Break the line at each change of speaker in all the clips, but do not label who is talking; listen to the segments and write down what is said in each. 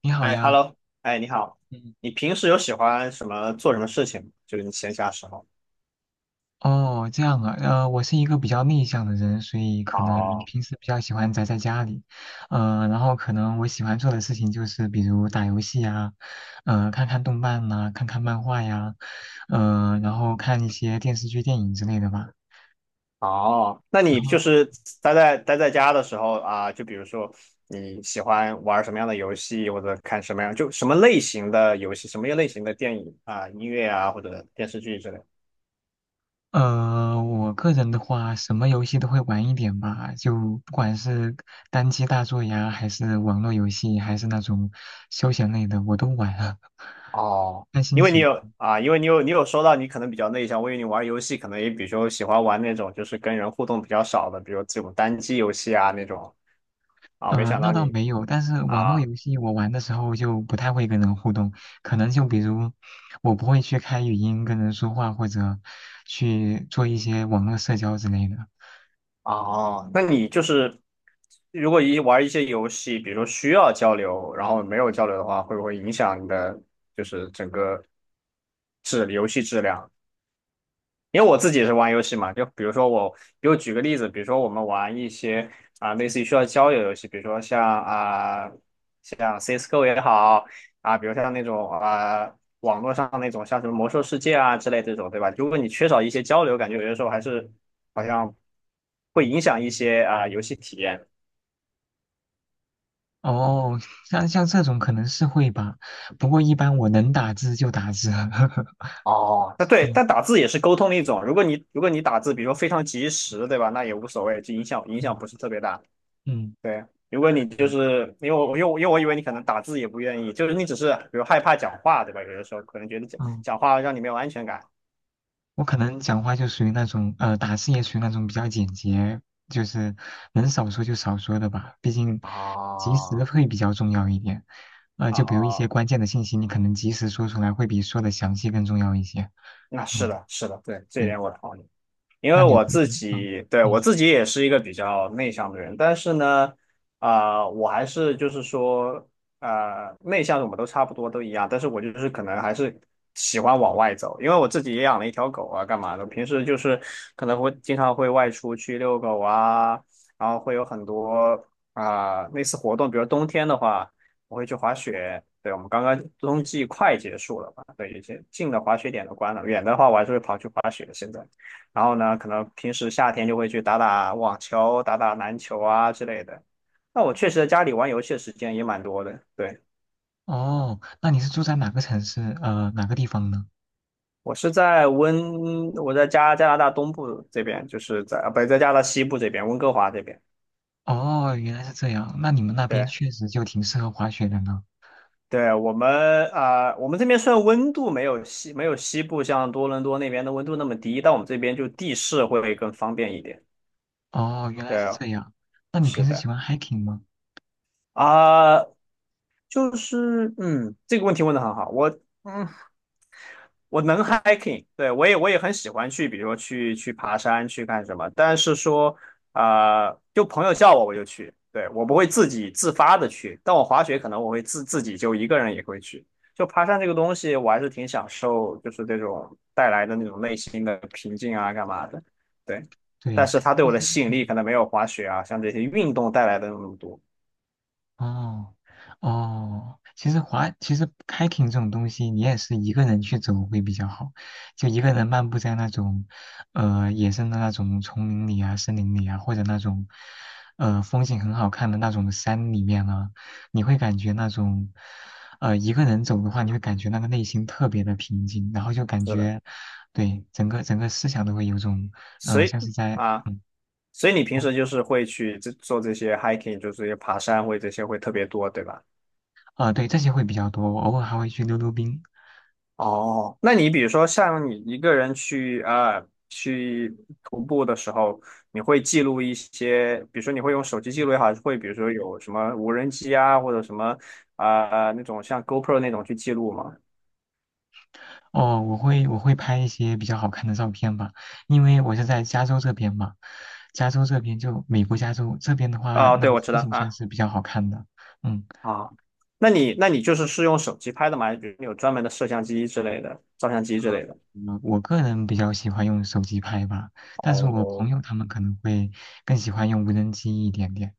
你好
哎
呀，
，Hello，哎，你好，
嗯，
你平时有喜欢什么做什么事情吗？就是你闲暇时候。
哦，这样啊，我是一个比较内向的人，所以可能
哦，
平时比较喜欢宅在家里，然后可能我喜欢做的事情就是比如打游戏呀，看看动漫呐、看看漫画呀，然后看一些电视剧、电影之类的吧。
哦，那
然
你
后，
就是待在家的时候啊，就比如说你喜欢玩什么样的游戏，或者看什么样，就什么类型的游戏，什么类型的电影啊、音乐啊，或者电视剧之类的
我个人的话，什么游戏都会玩一点吧，就不管是单机大作呀，还是网络游戏，还是那种休闲类的，我都玩了，
哦，
看心
因为你
情。
有啊，因为你有你有说到你可能比较内向，我以为你玩游戏可能也比如说喜欢玩那种就是跟人互动比较少的，比如这种单机游戏啊那种啊，没想
那
到
倒
你。
没有，但是网络
啊
游戏我玩的时候就不太会跟人互动，可能就比如我不会去开语音跟人说话，或者去做一些网络社交之类的。
哦，那你就是如果一玩一些游戏，比如说需要交流，然后没有交流的话，会不会影响你的就是整个游戏质量？因为我自己也是玩游戏嘛，就比如说我，比如举个例子，比如说我们玩一些类似于需要交友游戏，比如说像 CS:GO 也好比如像那种啊、网络上那种像什么魔兽世界啊之类这种，对吧？如果你缺少一些交流，感觉有些时候还是好像会影响一些游戏体验。
哦，像这种可能是会吧，不过一般我能打字就打字。
哦，那对，但
嗯
打字也是沟通的一种。如果你打字，比如说非常及时，对吧？那也无所谓，就影响影
嗯
响不是特别大。
嗯，
对，如果你
对，
就是因为我以为你可能打字也不愿意，就是你只是比如害怕讲话，对吧？有的时候可能觉得讲
嗯。
讲话让你没有安全感
我可能讲话就属于那种，打字也属于那种比较简洁，就是能少说就少说的吧。毕竟及时
啊
会比较重要一点。就比如一些
啊，
关键的信息，你可能及时说出来，会比说的详细更重要一些。
那是
嗯，
的，是的，对，这一
对。
点我同意。因
那
为
你
我自
你嗯
己，对，我
嗯
自己也是一个比较内向的人，但是呢，我还是就是说，内向的我们都差不多都一样，但是我就是可能还是喜欢往外走，因为我自己也养了一条狗啊，干嘛的，平时就是可能会经常会外出去遛狗啊，然后会有很多类似活动，比如冬天的话，我会去滑雪，对，我们刚刚冬季快结束了吧，对，有些近的滑雪点都关了，远的话我还是会跑去滑雪，现在。然后呢，可能平时夏天就会去打打网球、打打篮球啊之类的。那我确实在家里玩游戏的时间也蛮多的。对，
哦，那你是住在哪个城市？哪个地方呢？
我在加拿大东部这边，就是在，啊不，在加拿大西部这边，温哥华这边。
哦，原来是这样。那你们那边
对，
确实就挺适合滑雪的呢。
对，我们这边虽然温度没有西部像多伦多那边的温度那么低，但我们这边就地势会更方便一点。
哦，原来是
对，
这样。那你平
是
时喜
的
欢 hiking 吗？
啊。就是，嗯，这个问题问的很好。我，嗯，我能 hiking，对，我也很喜欢去，比如说去爬山，去干什么。但是说，就朋友叫我就去，对，我不会自己自发的去。但我滑雪可能我会自己就一个人也会去。就爬山这个东西，我还是挺享受，就是这种带来的那种内心的平静啊，干嘛的，对。但
对，
是它对
其
我的
实，
吸引力
嗯
可能没有滑雪啊，像这些运动带来的那么多。
哦哦，其实滑，其实 hiking 这种东西，你也是一个人去走会比较好，就一个人漫步在那种，野生的那种丛林里啊、森林里啊，或者那种，风景很好看的那种山里面啊，你会感觉那种，一个人走的话，你会感觉那个内心特别的平静，然后就感
是的，
觉，对，整个思想都会有种，
所以
像是在，
啊。所以你平
哦，
时就是会去做这些 hiking，就是这些爬山会这些会特别多，对吧？
对，这些会比较多，我偶尔还会去溜溜冰。
哦，那你比如说像你一个人去徒步的时候，你会记录一些，比如说你会用手机记录也好，还是会比如说有什么无人机啊，或者什么那种像 GoPro 那种去记录吗？
哦，我会拍一些比较好看的照片吧，因为我是在加州这边嘛，加州这边就美国加州这边的话，那
对，
个
我知
风
道
景算
啊
是比较好看的。嗯，
啊，那你就是用手机拍的吗？还是比如你有专门的摄像机之类的、照相机之类的？
我个人比较喜欢用手机拍吧，但是我
哦，
朋友他们可能会更喜欢用无人机一点点。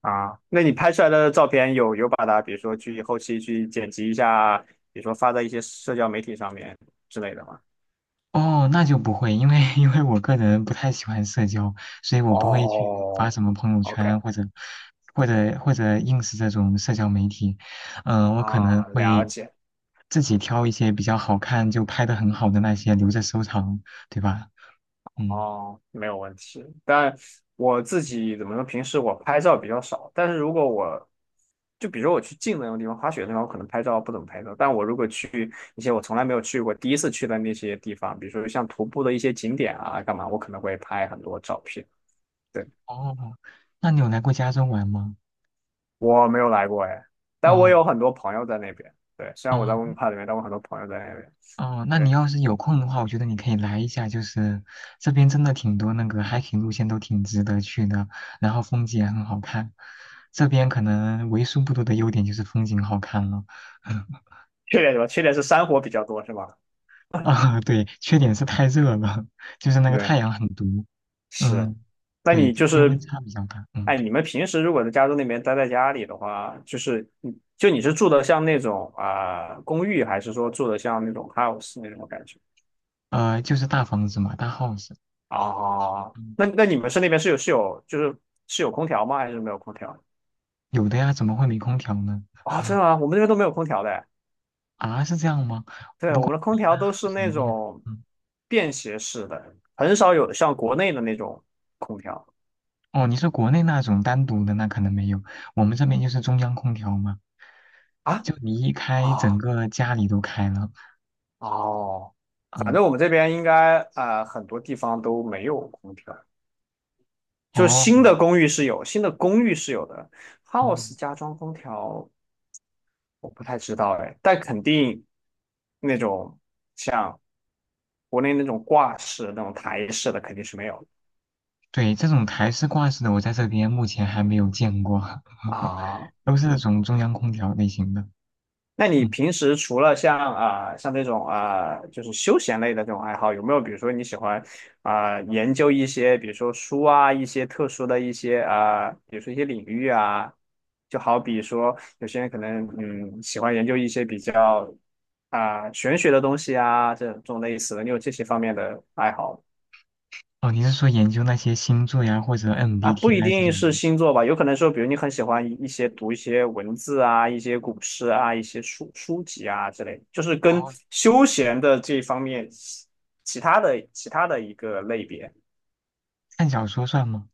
啊，那你拍出来的照片有把它，比如说去后期去剪辑一下，比如说发在一些社交媒体上面之类的吗？
哦，那就不会，因为 因为我个人不太喜欢社交，所以我不会去发
哦
什么朋友
，OK，
圈或者 ins 这种社交媒体。嗯、我可能
啊，了
会
解，
自己挑一些比较好看就拍的很好的那些留着收藏，对吧？嗯，
哦，没有问题。但我自己怎么说，平时我拍照比较少，但是如果我就比如说我去近的那种地方，滑雪的地方，我可能拍照不怎么拍照。但我如果去一些我从来没有去过，第一次去的那些地方，比如说像徒步的一些景点啊，干嘛，我可能会拍很多照片。对。
哦，那你有来过加州玩吗？
我没有来过哎，但我
哦
有很多朋友在那边。对，虽然我在温
哦。
哥华里面，但我很多朋友在那边。
哦，那你
对，
要是有空的话，我觉得你可以来一下，就是这边真的挺多那个 hiking 路线都挺值得去的，然后风景也很好看。这边可能为数不多的优点就是风景好看了，
缺点什么？缺点是山火比较多，是吧？
啊，对，缺点是太热了，就是那个
对，
太阳很毒，
是。
嗯，
那
对，
你就
昼夜温
是，
差比较大，嗯，
哎，你们平时如果在加州那边待在家里的话，就是你就你是住的像那种公寓，还是说住的像那种 house 那种感觉？
就是大房子嘛，大 house，
啊，
嗯，
那你们是那边是有是有就是是有空调吗？还是没有空调？
有的呀，怎么会没空调呢？
真的吗？我们那边都没有空调的
啊，是这样吗？
对，我们的
我
空
一
调
般
都是
house
那
里面，
种
嗯。
便携式的，很少有像国内的那种空调
哦，你是国内那种单独的，那可能没有。我们这边就是中央空调嘛，
啊
就你一开，整
啊
个家里都开了。
哦，反
嗯，
正我们这边应该很多地方都没有空调，就是
哦
新的公寓是有，新的公寓是有的
哦，
，house 加装空调我不太知道哎，但肯定那种像国内那种挂式那种台式的肯定是没有的
对，这种台式挂式的，我在这边目前还没有见过，
啊，
都是那种中央空调类型的。
那你
嗯，
平时除了像这种就是休闲类的这种爱好，有没有比如说你喜欢研究一些比如说书啊一些特殊的一些比如说一些领域啊，就好比说有些人可能喜欢研究一些比较玄学的东西啊这种类似的，你有这些方面的爱好吗
哦，你是说研究那些星座呀，或者
啊，不一
MBTI 这
定
种吗？
是星座吧，有可能说，比如你很喜欢一些读一些文字啊，一些古诗啊，一些书籍啊之类的就是跟
哦，
休闲的这一方面，其他的一个类别
看小说算吗？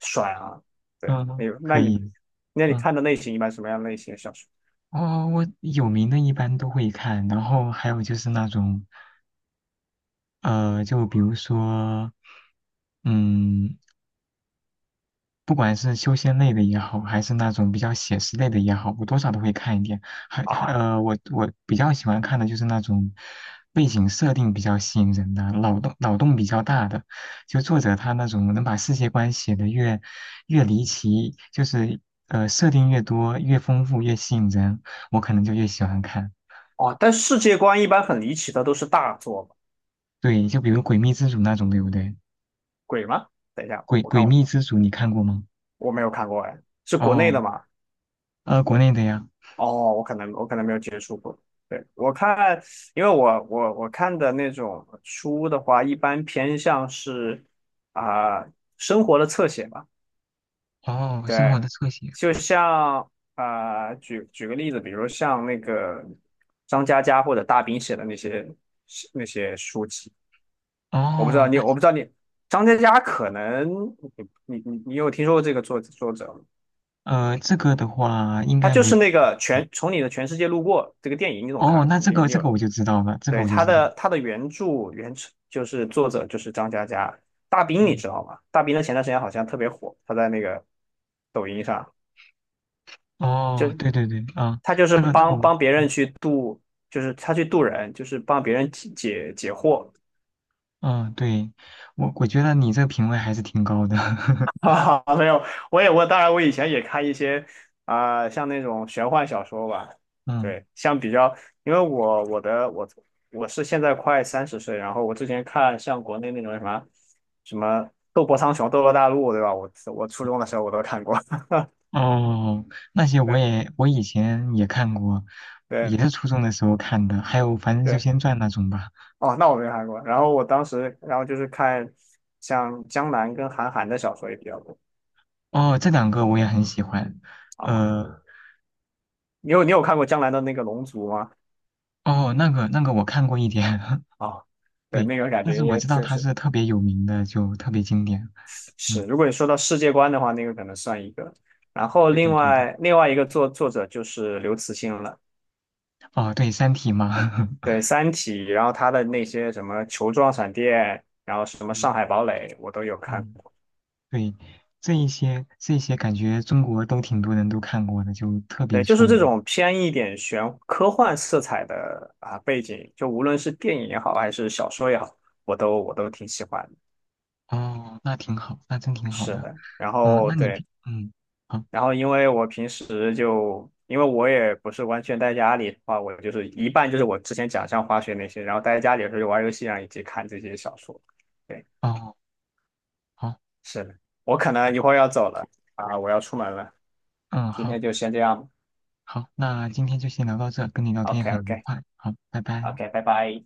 算啊。对，
嗯，
没有，那
可
你
以。
那你
嗯，
看的类型一般什么样类型的小说
哦，我有名的一般都会看，然后还有就是那种。就比如说，嗯，不管是修仙类的也好，还是那种比较写实类的也好，我多少都会看一点。还还
啊？
呃，我比较喜欢看的就是那种背景设定比较吸引人的，脑洞比较大的，就作者他那种能把世界观写得越离奇，就是设定越多、越丰富、越吸引人，我可能就越喜欢看。
哦，但世界观一般很离奇的都是大作嘛，
对，就比如《诡秘之主》那种，对不对？
鬼吗？等一下，
诡
我看
诡
我
秘之主》你看过吗？
我没有看过哎，是国内
哦，
的吗？
国内的呀。
哦，我可能没有接触过。对，我看，因为我看的那种书的话，一般偏向是啊、生活的侧写吧。
哦，生活
对，
的侧写。
就像举个例子，比如像那个张嘉佳或者大兵写的那些书籍，我不知道
哦，
你
那
我不知道你张嘉佳可能你有听说过这个作者吗？
这个的话应
他
该
就
没。
是那个从你的全世界路过这个电影，你总
哦，
看
那这
你
个
你
这个
有
我就知道了，这个
对，
我就
他
知道了。
的他的原著就是作者就是张嘉佳，大兵你
嗯
知道吗？大兵的前段时间好像特别火，他在那个抖音上，
哦，对对对，啊，
他就是
那个
帮
我，
帮别人去渡，就是他去渡人，就是帮别人解惑，
嗯，啊对，我觉得你这个品味还是挺高的。
啊，没有，我当然以前也看一些像那种玄幻小说吧，
嗯，
对，像比较，因为我我的我我是现在快30岁，然后我之前看像国内那种什么《斗破苍穹》《斗罗大陆》，对吧？我初中的时候我都看过，
哦，那些
对
我以前也看过，也
对
是初中的时候看的，还有《凡人修
对，
仙传》那种吧。
哦，那我没看过。然后我当时，然后就是看像江南跟韩寒的小说也比较多
哦，这两个我也很喜欢。
啊哦。
呃，
你有看过江南的那个《龙族》吗？
哦，那个我看过一点，
啊、对，
对，
那个感
但
觉
是我
也
知道
就
他
是
是特别有名的，就特别经典。
是，
嗯，
如果你说到世界观的话，那个可能算一个。然后
对的
另
对的。
外另外一个作者就是刘慈欣了，
哦，对，《三体》嘛。
对 《三体》，然后他的那些什么球状闪电，然后什么上
嗯
海堡垒，我都有看。
嗯，对，这一些感觉中国都挺多人都看过的，就特
对，
别
就
出
是这
名。
种偏一点科幻色彩的啊背景，就无论是电影也好，还是小说也好，我都挺喜欢的。
哦，那挺好，那真挺好
是
的。
的，然
嗯，
后
那你
对。
平嗯好
然后因为我平时就，因为我也不是完全待家里的话，我就是一半就是我之前讲像滑雪那些，然后待在家里的时候就玩游戏啊，以及看这些小说。对，
哦好
是的，我可能一会儿要走了啊，我要出门了，
嗯
今天
好
就先这样。
好，那今天就先聊到这，跟你聊天
OK
很愉
OK
快。好，拜拜。
OK，拜拜。